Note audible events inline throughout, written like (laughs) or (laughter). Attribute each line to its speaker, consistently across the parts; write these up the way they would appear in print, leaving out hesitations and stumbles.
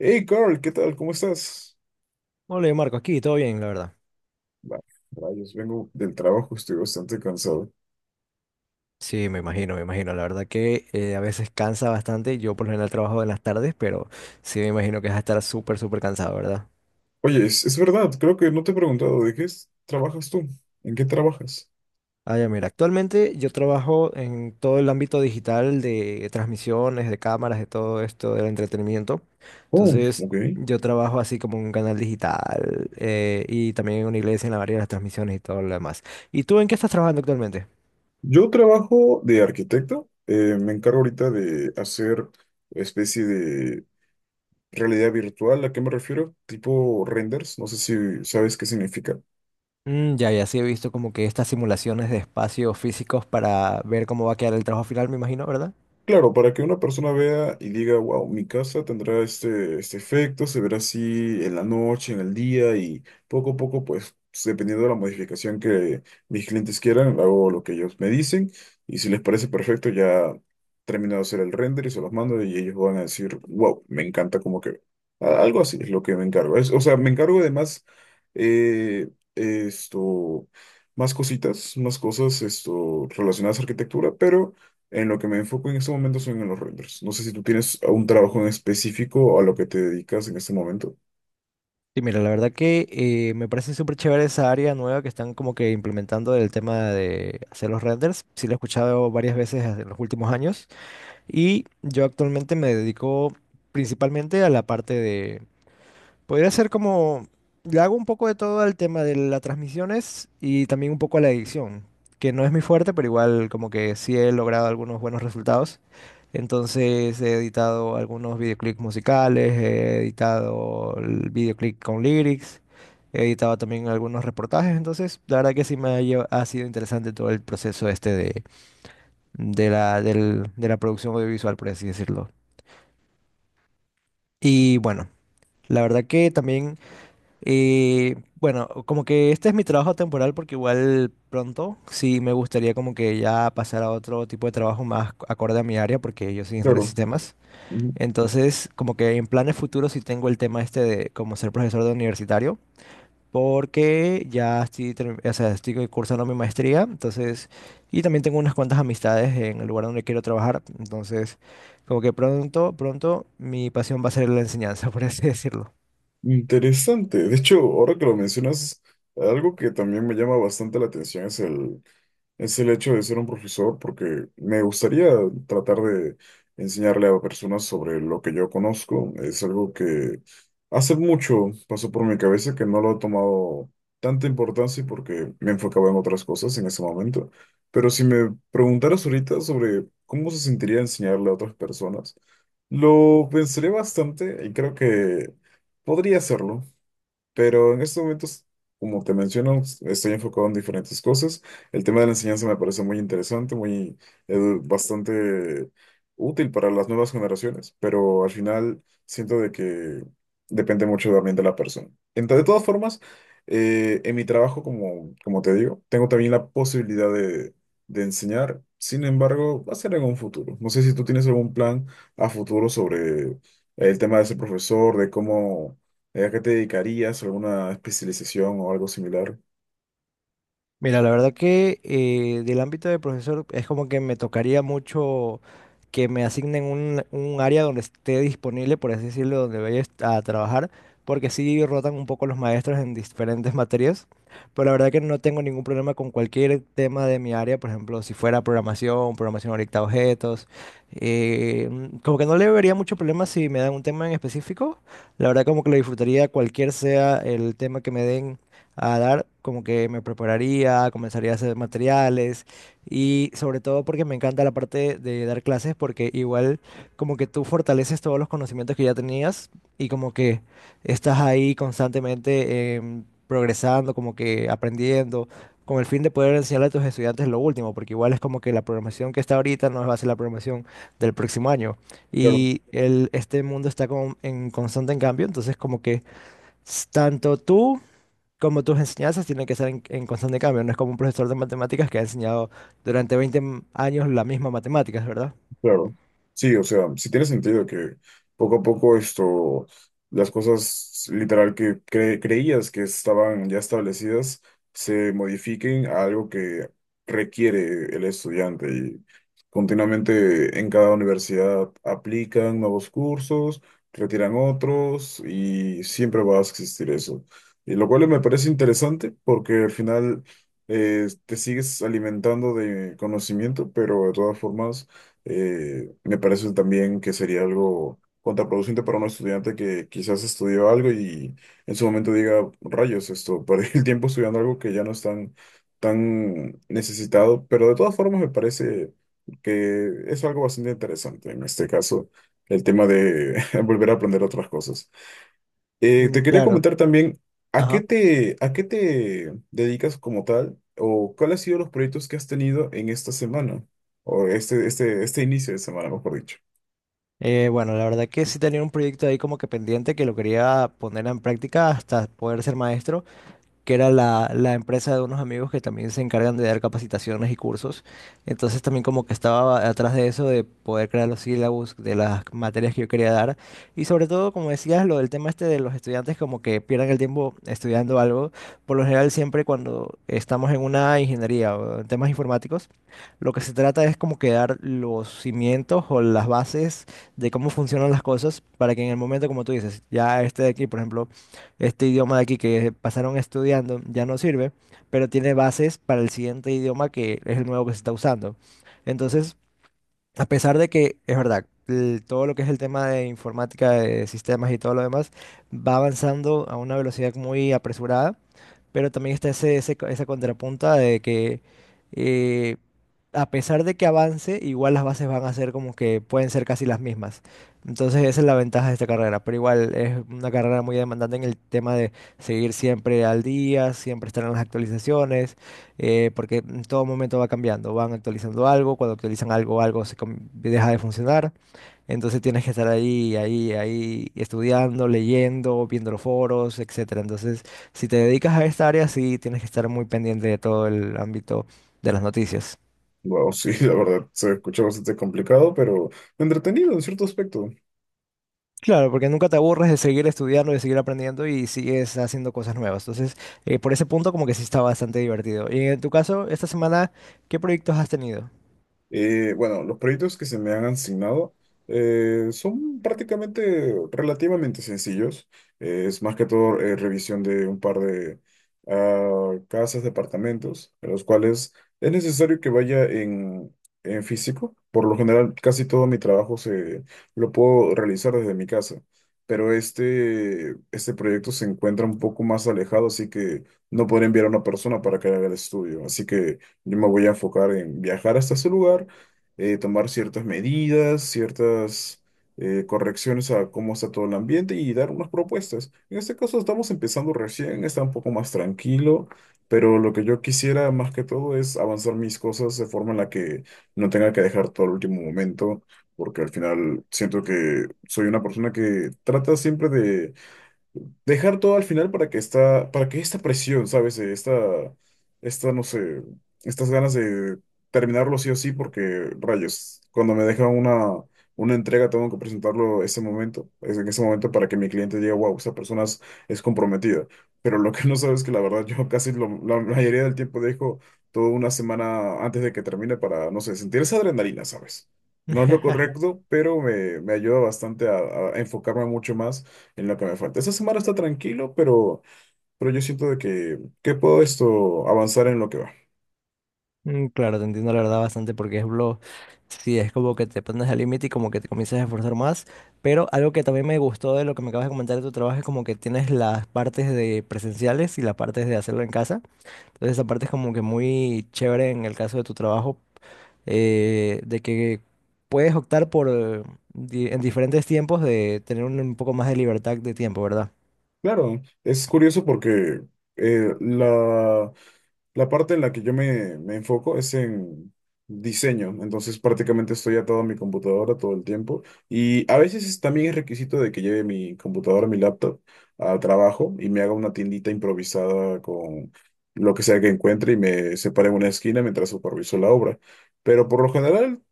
Speaker 1: Hey Carl, ¿qué tal? ¿Cómo estás?
Speaker 2: Hola Marco, aquí todo bien, la verdad.
Speaker 1: Va, rayos, vengo del trabajo, estoy bastante cansado.
Speaker 2: Sí, me imagino, me imagino. La verdad que a veces cansa bastante. Yo por lo general trabajo en las tardes, pero sí me imagino que vas a estar súper, súper cansado, ¿verdad?
Speaker 1: Oye, es verdad, creo que no te he preguntado, ¿ trabajas tú? ¿En qué trabajas?
Speaker 2: Ah, ya, mira, actualmente yo trabajo en todo el ámbito digital de transmisiones, de cámaras, de todo esto del entretenimiento.
Speaker 1: Oh,
Speaker 2: Entonces,
Speaker 1: ok.
Speaker 2: yo trabajo así como en un canal digital y también en una iglesia en la variedad de las transmisiones y todo lo demás. ¿Y tú en qué estás trabajando actualmente?
Speaker 1: Yo trabajo de arquitecto, me encargo ahorita de hacer especie de realidad virtual, ¿a qué me refiero? Tipo renders, no sé si sabes qué significa.
Speaker 2: Mm, ya, ya sí he visto como que estas simulaciones de espacios físicos para ver cómo va a quedar el trabajo final, me imagino, ¿verdad?
Speaker 1: Claro, para que una persona vea y diga, wow, mi casa tendrá este efecto, se verá así en la noche, en el día y poco a poco, pues dependiendo de la modificación que mis clientes quieran, hago lo que ellos me dicen y si les parece perfecto, ya termino de hacer el render y se los mando y ellos van a decir, wow, me encanta como que algo así es lo que me encargo. O sea, me encargo además eh, esto, más cositas, más cosas relacionadas a arquitectura, pero... En lo que me enfoco en este momento son en los renders. No sé si tú tienes un trabajo en específico a lo que te dedicas en este momento.
Speaker 2: Sí, mira, la verdad que me parece súper chévere esa área nueva que están como que implementando del tema de hacer los renders. Sí, lo he escuchado varias veces en los últimos años. Y yo actualmente me dedico principalmente a la parte de podría ser como, le hago un poco de todo al tema de las transmisiones y también un poco a la edición, que no es muy fuerte, pero igual como que sí he logrado algunos buenos resultados. Entonces he editado algunos videoclips musicales, he editado el videoclip con lyrics, he editado también algunos reportajes, entonces la verdad que sí me ha, ha sido interesante todo el proceso este de la, de la producción audiovisual, por así decirlo. Y bueno, la verdad que también. Y bueno, como que este es mi trabajo temporal porque igual pronto sí me gustaría como que ya pasar a otro tipo de trabajo más acorde a mi área porque yo soy ingeniero de
Speaker 1: Claro,
Speaker 2: sistemas.
Speaker 1: mm,
Speaker 2: Entonces, como que en planes futuros sí tengo el tema este de como ser profesor de universitario porque ya estoy, o sea, estoy cursando mi maestría, entonces, y también tengo unas cuantas amistades en el lugar donde quiero trabajar, entonces, como que pronto, pronto mi pasión va a ser la enseñanza, (laughs) por así decirlo.
Speaker 1: interesante. De hecho, ahora que lo mencionas, algo que también me llama bastante la atención es el hecho de ser un profesor, porque me gustaría tratar de enseñarle a personas sobre lo que yo conozco. Es algo que hace mucho pasó por mi cabeza que no lo he tomado tanta importancia porque me enfocaba en otras cosas en ese momento. Pero si me preguntaras ahorita sobre cómo se sentiría enseñarle a otras personas, lo pensaré bastante y creo que podría hacerlo. Pero en estos momentos, como te menciono, estoy enfocado en diferentes cosas. El tema de la enseñanza me parece muy interesante, muy bastante útil para las nuevas generaciones, pero al final siento de que depende mucho también de la persona. Entonces, de todas formas, en mi trabajo, como te digo, tengo también la posibilidad de enseñar. Sin embargo, va a ser en un futuro. No sé si tú tienes algún plan a futuro sobre el tema de ser profesor, de cómo ¿a qué te dedicarías? ¿Alguna especialización o algo similar?
Speaker 2: Mira, la verdad que del ámbito de profesor es como que me tocaría mucho que me asignen un área donde esté disponible, por así decirlo, donde vaya a trabajar, porque sí rotan un poco los maestros en diferentes materias, pero la verdad que no tengo ningún problema con cualquier tema de mi área, por ejemplo, si fuera programación, programación orientada a objetos, como que no le vería mucho problema si me dan un tema en específico, la verdad como que lo disfrutaría cualquier sea el tema que me den a dar, como que me prepararía, comenzaría a hacer materiales y sobre todo porque me encanta la parte de dar clases porque igual como que tú fortaleces todos los conocimientos que ya tenías y como que estás ahí constantemente progresando, como que aprendiendo, con el fin de poder enseñarle a tus estudiantes lo último, porque igual es como que la programación que está ahorita no va a ser la programación del próximo año.
Speaker 1: Claro.
Speaker 2: Y el, este mundo está como en constante en cambio, entonces como que tanto tú como tus enseñanzas tienen que ser en constante cambio, no es como un profesor de matemáticas que ha enseñado durante 20 años la misma matemáticas, ¿verdad?
Speaker 1: Claro, sí, o sea, sí tiene sentido que poco a poco las cosas literal que creías que estaban ya establecidas se modifiquen a algo que requiere el estudiante y continuamente en cada universidad aplican nuevos cursos, retiran otros y siempre va a existir eso. Y lo cual me parece interesante porque al final te sigues alimentando de conocimiento, pero de todas formas me parece también que sería algo contraproducente para un estudiante que quizás estudió algo y en su momento diga, rayos, (laughs) perdí el tiempo estudiando algo que ya no es tan necesitado, pero de todas formas me parece que es algo bastante interesante en este caso, el tema de (laughs) volver a aprender otras cosas.
Speaker 2: Mm,
Speaker 1: Te quería
Speaker 2: claro.
Speaker 1: comentar también,
Speaker 2: Ajá.
Speaker 1: ¿a qué te dedicas como tal? ¿O cuáles han sido los proyectos que has tenido en esta semana? O este inicio de semana, mejor dicho.
Speaker 2: Bueno, la verdad que sí tenía un proyecto ahí como que pendiente que lo quería poner en práctica hasta poder ser maestro, que era la, la empresa de unos amigos que también se encargan de dar capacitaciones y cursos. Entonces también como que estaba atrás de eso, de poder crear los sílabus de las materias que yo quería dar. Y sobre todo, como decías, lo del tema este de los estudiantes como que pierdan el tiempo estudiando algo. Por lo general siempre cuando estamos en una ingeniería o en temas informáticos, lo que se trata es como que dar los cimientos o las bases de cómo funcionan las cosas para que en el momento, como tú dices, ya este de aquí, por ejemplo, este idioma de aquí que pasaron estudiando ya no sirve, pero tiene bases para el siguiente idioma que es el nuevo que se está usando. Entonces, a pesar de que, es verdad, todo lo que es el tema de informática, de sistemas y todo lo demás, va avanzando a una velocidad muy apresurada, pero también está ese, ese esa contrapunta de que eh, a pesar de que avance, igual las bases van a ser como que pueden ser casi las mismas. Entonces esa es la ventaja de esta carrera, pero igual es una carrera muy demandante en el tema de seguir siempre al día, siempre estar en las actualizaciones porque en todo momento va cambiando, van actualizando algo, cuando actualizan algo, algo se deja de funcionar, entonces tienes que estar ahí, ahí, ahí, estudiando, leyendo, viendo los foros, etcétera. Entonces, si te dedicas a esta área, sí tienes que estar muy pendiente de todo el ámbito de las noticias.
Speaker 1: Wow, sí, (laughs) la verdad, se escucha bastante complicado, pero entretenido en cierto aspecto.
Speaker 2: Claro, porque nunca te aburres de seguir estudiando, de seguir aprendiendo y sigues haciendo cosas nuevas. Entonces, por ese punto como que sí está bastante divertido. Y en tu caso, esta semana, ¿qué proyectos has tenido?
Speaker 1: Bueno, los proyectos que se me han asignado son prácticamente relativamente sencillos. Es más que todo revisión de un par de casas, departamentos, en los cuales es necesario que vaya en físico. Por lo general, casi todo mi trabajo lo puedo realizar desde mi casa, pero este proyecto se encuentra un poco más alejado, así que no podré enviar a una persona para que haga el estudio. Así que... Yo me voy a enfocar en viajar hasta ese lugar, tomar ciertas medidas, ciertas correcciones a cómo está todo el ambiente y dar unas propuestas. En este caso estamos empezando recién, está un poco más tranquilo, pero lo que yo quisiera más que todo es avanzar mis cosas de forma en la que no tenga que dejar todo al último momento, porque al final siento que soy una persona que trata siempre de dejar todo al final para que esta presión, ¿sabes? No sé, estas ganas de terminarlo sí o sí, porque rayos, cuando me dejan una entrega tengo que presentarlo ese momento, es en ese momento para que mi cliente diga, wow, esa persona es comprometida. Pero lo que no sabes es que la verdad yo casi la mayoría del tiempo dejo toda una semana antes de que termine para, no sé, sentir esa adrenalina, ¿sabes? No es lo correcto, pero me ayuda bastante a enfocarme mucho más en lo que me falta. Esta semana está tranquilo, pero yo siento que puedo esto avanzar en lo que va.
Speaker 2: Mm, claro, te entiendo la verdad bastante porque es lo, sí, es como que te pones al límite y como que te comienzas a esforzar más, pero algo que también me gustó de lo que me acabas de comentar de tu trabajo es como que tienes las partes de presenciales y las partes de hacerlo en casa, entonces esa parte es como que muy chévere en el caso de tu trabajo, de que puedes optar por en diferentes tiempos de tener un poco más de libertad de tiempo, ¿verdad?
Speaker 1: Claro, es curioso porque eh, la, la parte en la que yo me enfoco es en diseño, entonces prácticamente estoy atado a mi computadora todo el tiempo y a veces también es requisito de que lleve mi computadora, mi laptop a trabajo y me haga una tiendita improvisada con lo que sea que encuentre y me separe en una esquina mientras superviso la obra. Pero por lo general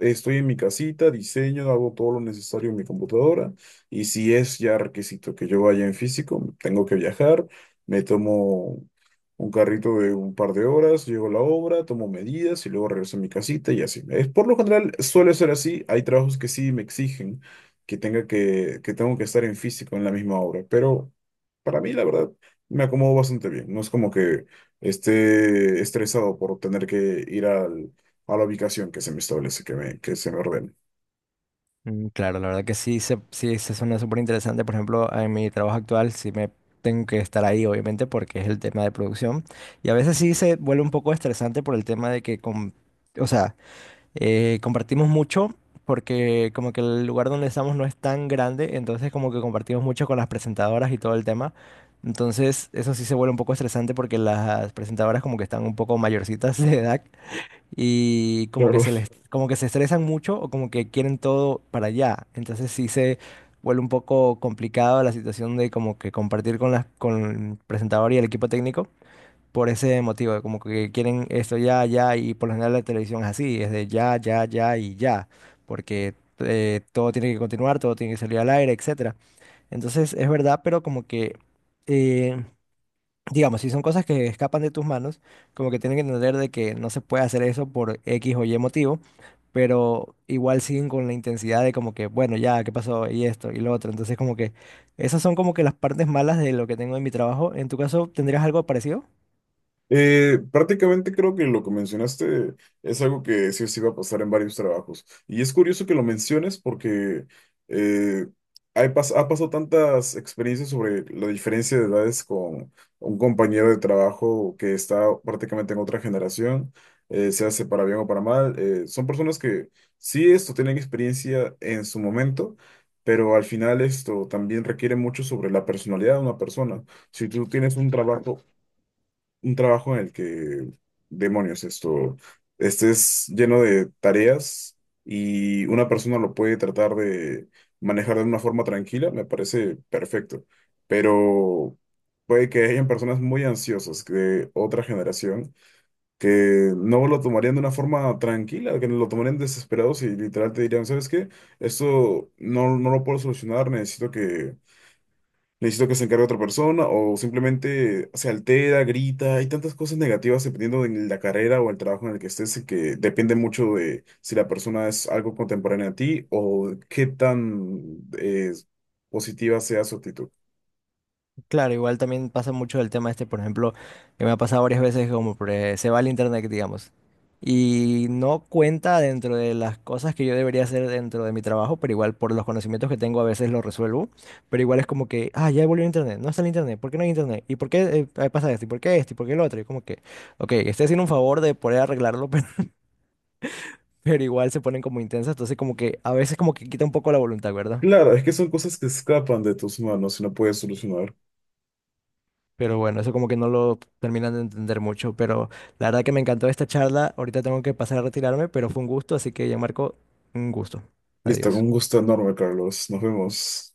Speaker 1: estoy en mi casita, diseño, hago todo lo necesario en mi computadora y si es ya requisito que yo vaya en físico, tengo que viajar, me tomo un carrito de un par de horas, llego a la obra, tomo medidas y luego regreso a mi casita y así. Es, por lo general suele ser así, hay trabajos que sí me exigen que tengo que estar en físico en la misma obra, pero para mí la verdad me acomodo bastante bien, no es como que esté estresado por tener que ir a la ubicación que se me establece, que se me ordene.
Speaker 2: Mm, claro, la verdad que sí se suena súper interesante. Por ejemplo, en mi trabajo actual sí me tengo que estar ahí, obviamente, porque es el tema de producción. Y a veces sí se vuelve un poco estresante por el tema de que, o sea, compartimos mucho porque como que el lugar donde estamos no es tan grande, entonces como que compartimos mucho con las presentadoras y todo el tema. Entonces eso sí se vuelve un poco estresante porque las presentadoras como que están un poco mayorcitas de edad y
Speaker 1: La
Speaker 2: como que
Speaker 1: verdad.
Speaker 2: se les, como que se estresan mucho o como que quieren todo para allá. Entonces sí se vuelve un poco complicado la situación de como que compartir con las, con el presentador y el equipo técnico por ese motivo, de como que quieren esto ya, ya, y por lo general la televisión es así, es de ya, ya, ya y ya, porque todo tiene que continuar, todo tiene que salir al aire, etcétera. Entonces es verdad, pero como que eh, digamos, si son cosas que escapan de tus manos, como que tienen que entender de que no se puede hacer eso por X o Y motivo, pero igual siguen con la intensidad de como que, bueno, ya, ¿qué pasó? Y esto, y lo otro. Entonces, como que esas son como que las partes malas de lo que tengo en mi trabajo. ¿En tu caso tendrías algo parecido?
Speaker 1: Prácticamente creo que lo que mencionaste es algo que sí o sí va a pasar en varios trabajos. Y es curioso que lo menciones porque eh, hay ha pasado tantas experiencias sobre la diferencia de edades con un compañero de trabajo que está prácticamente en otra generación, se hace para bien o para mal. Son personas que sí esto tienen experiencia en su momento. Pero al final esto también requiere mucho sobre la personalidad de una persona. Si tú tienes un trabajo en el que, demonios, esto, estés lleno de tareas y una persona lo puede tratar de manejar de una forma tranquila, me parece perfecto. Pero puede que hayan personas muy ansiosas de otra generación que no lo tomarían de una forma tranquila, que lo tomarían desesperados y literal te dirían, ¿sabes qué? Esto no lo puedo solucionar, necesito que se encargue otra persona o simplemente se altera, grita. Hay tantas cosas negativas dependiendo de la carrera o el trabajo en el que estés que depende mucho de si la persona es algo contemporánea a ti o qué tan positiva sea su actitud.
Speaker 2: Claro, igual también pasa mucho el tema este, por ejemplo, que me ha pasado varias veces, como por, se va al internet, digamos, y no cuenta dentro de las cosas que yo debería hacer dentro de mi trabajo, pero igual por los conocimientos que tengo a veces lo resuelvo, pero igual es como que, ah, ya volvió el internet, no está el internet, ¿por qué no hay internet? ¿Y por qué pasa esto? ¿Y por qué esto? ¿Y por qué lo otro? Y como que, ok, estoy haciendo un favor de poder arreglarlo, (laughs) pero igual se ponen como intensas, entonces como que a veces como que quita un poco la voluntad, ¿verdad?
Speaker 1: Claro, es que son cosas que escapan de tus manos y no puedes solucionar.
Speaker 2: Pero bueno, eso como que no lo terminan de entender mucho. Pero la verdad que me encantó esta charla. Ahorita tengo que pasar a retirarme, pero fue un gusto. Así que ya Marco, un gusto.
Speaker 1: Listo, con
Speaker 2: Adiós.
Speaker 1: un gusto enorme, Carlos. Nos vemos.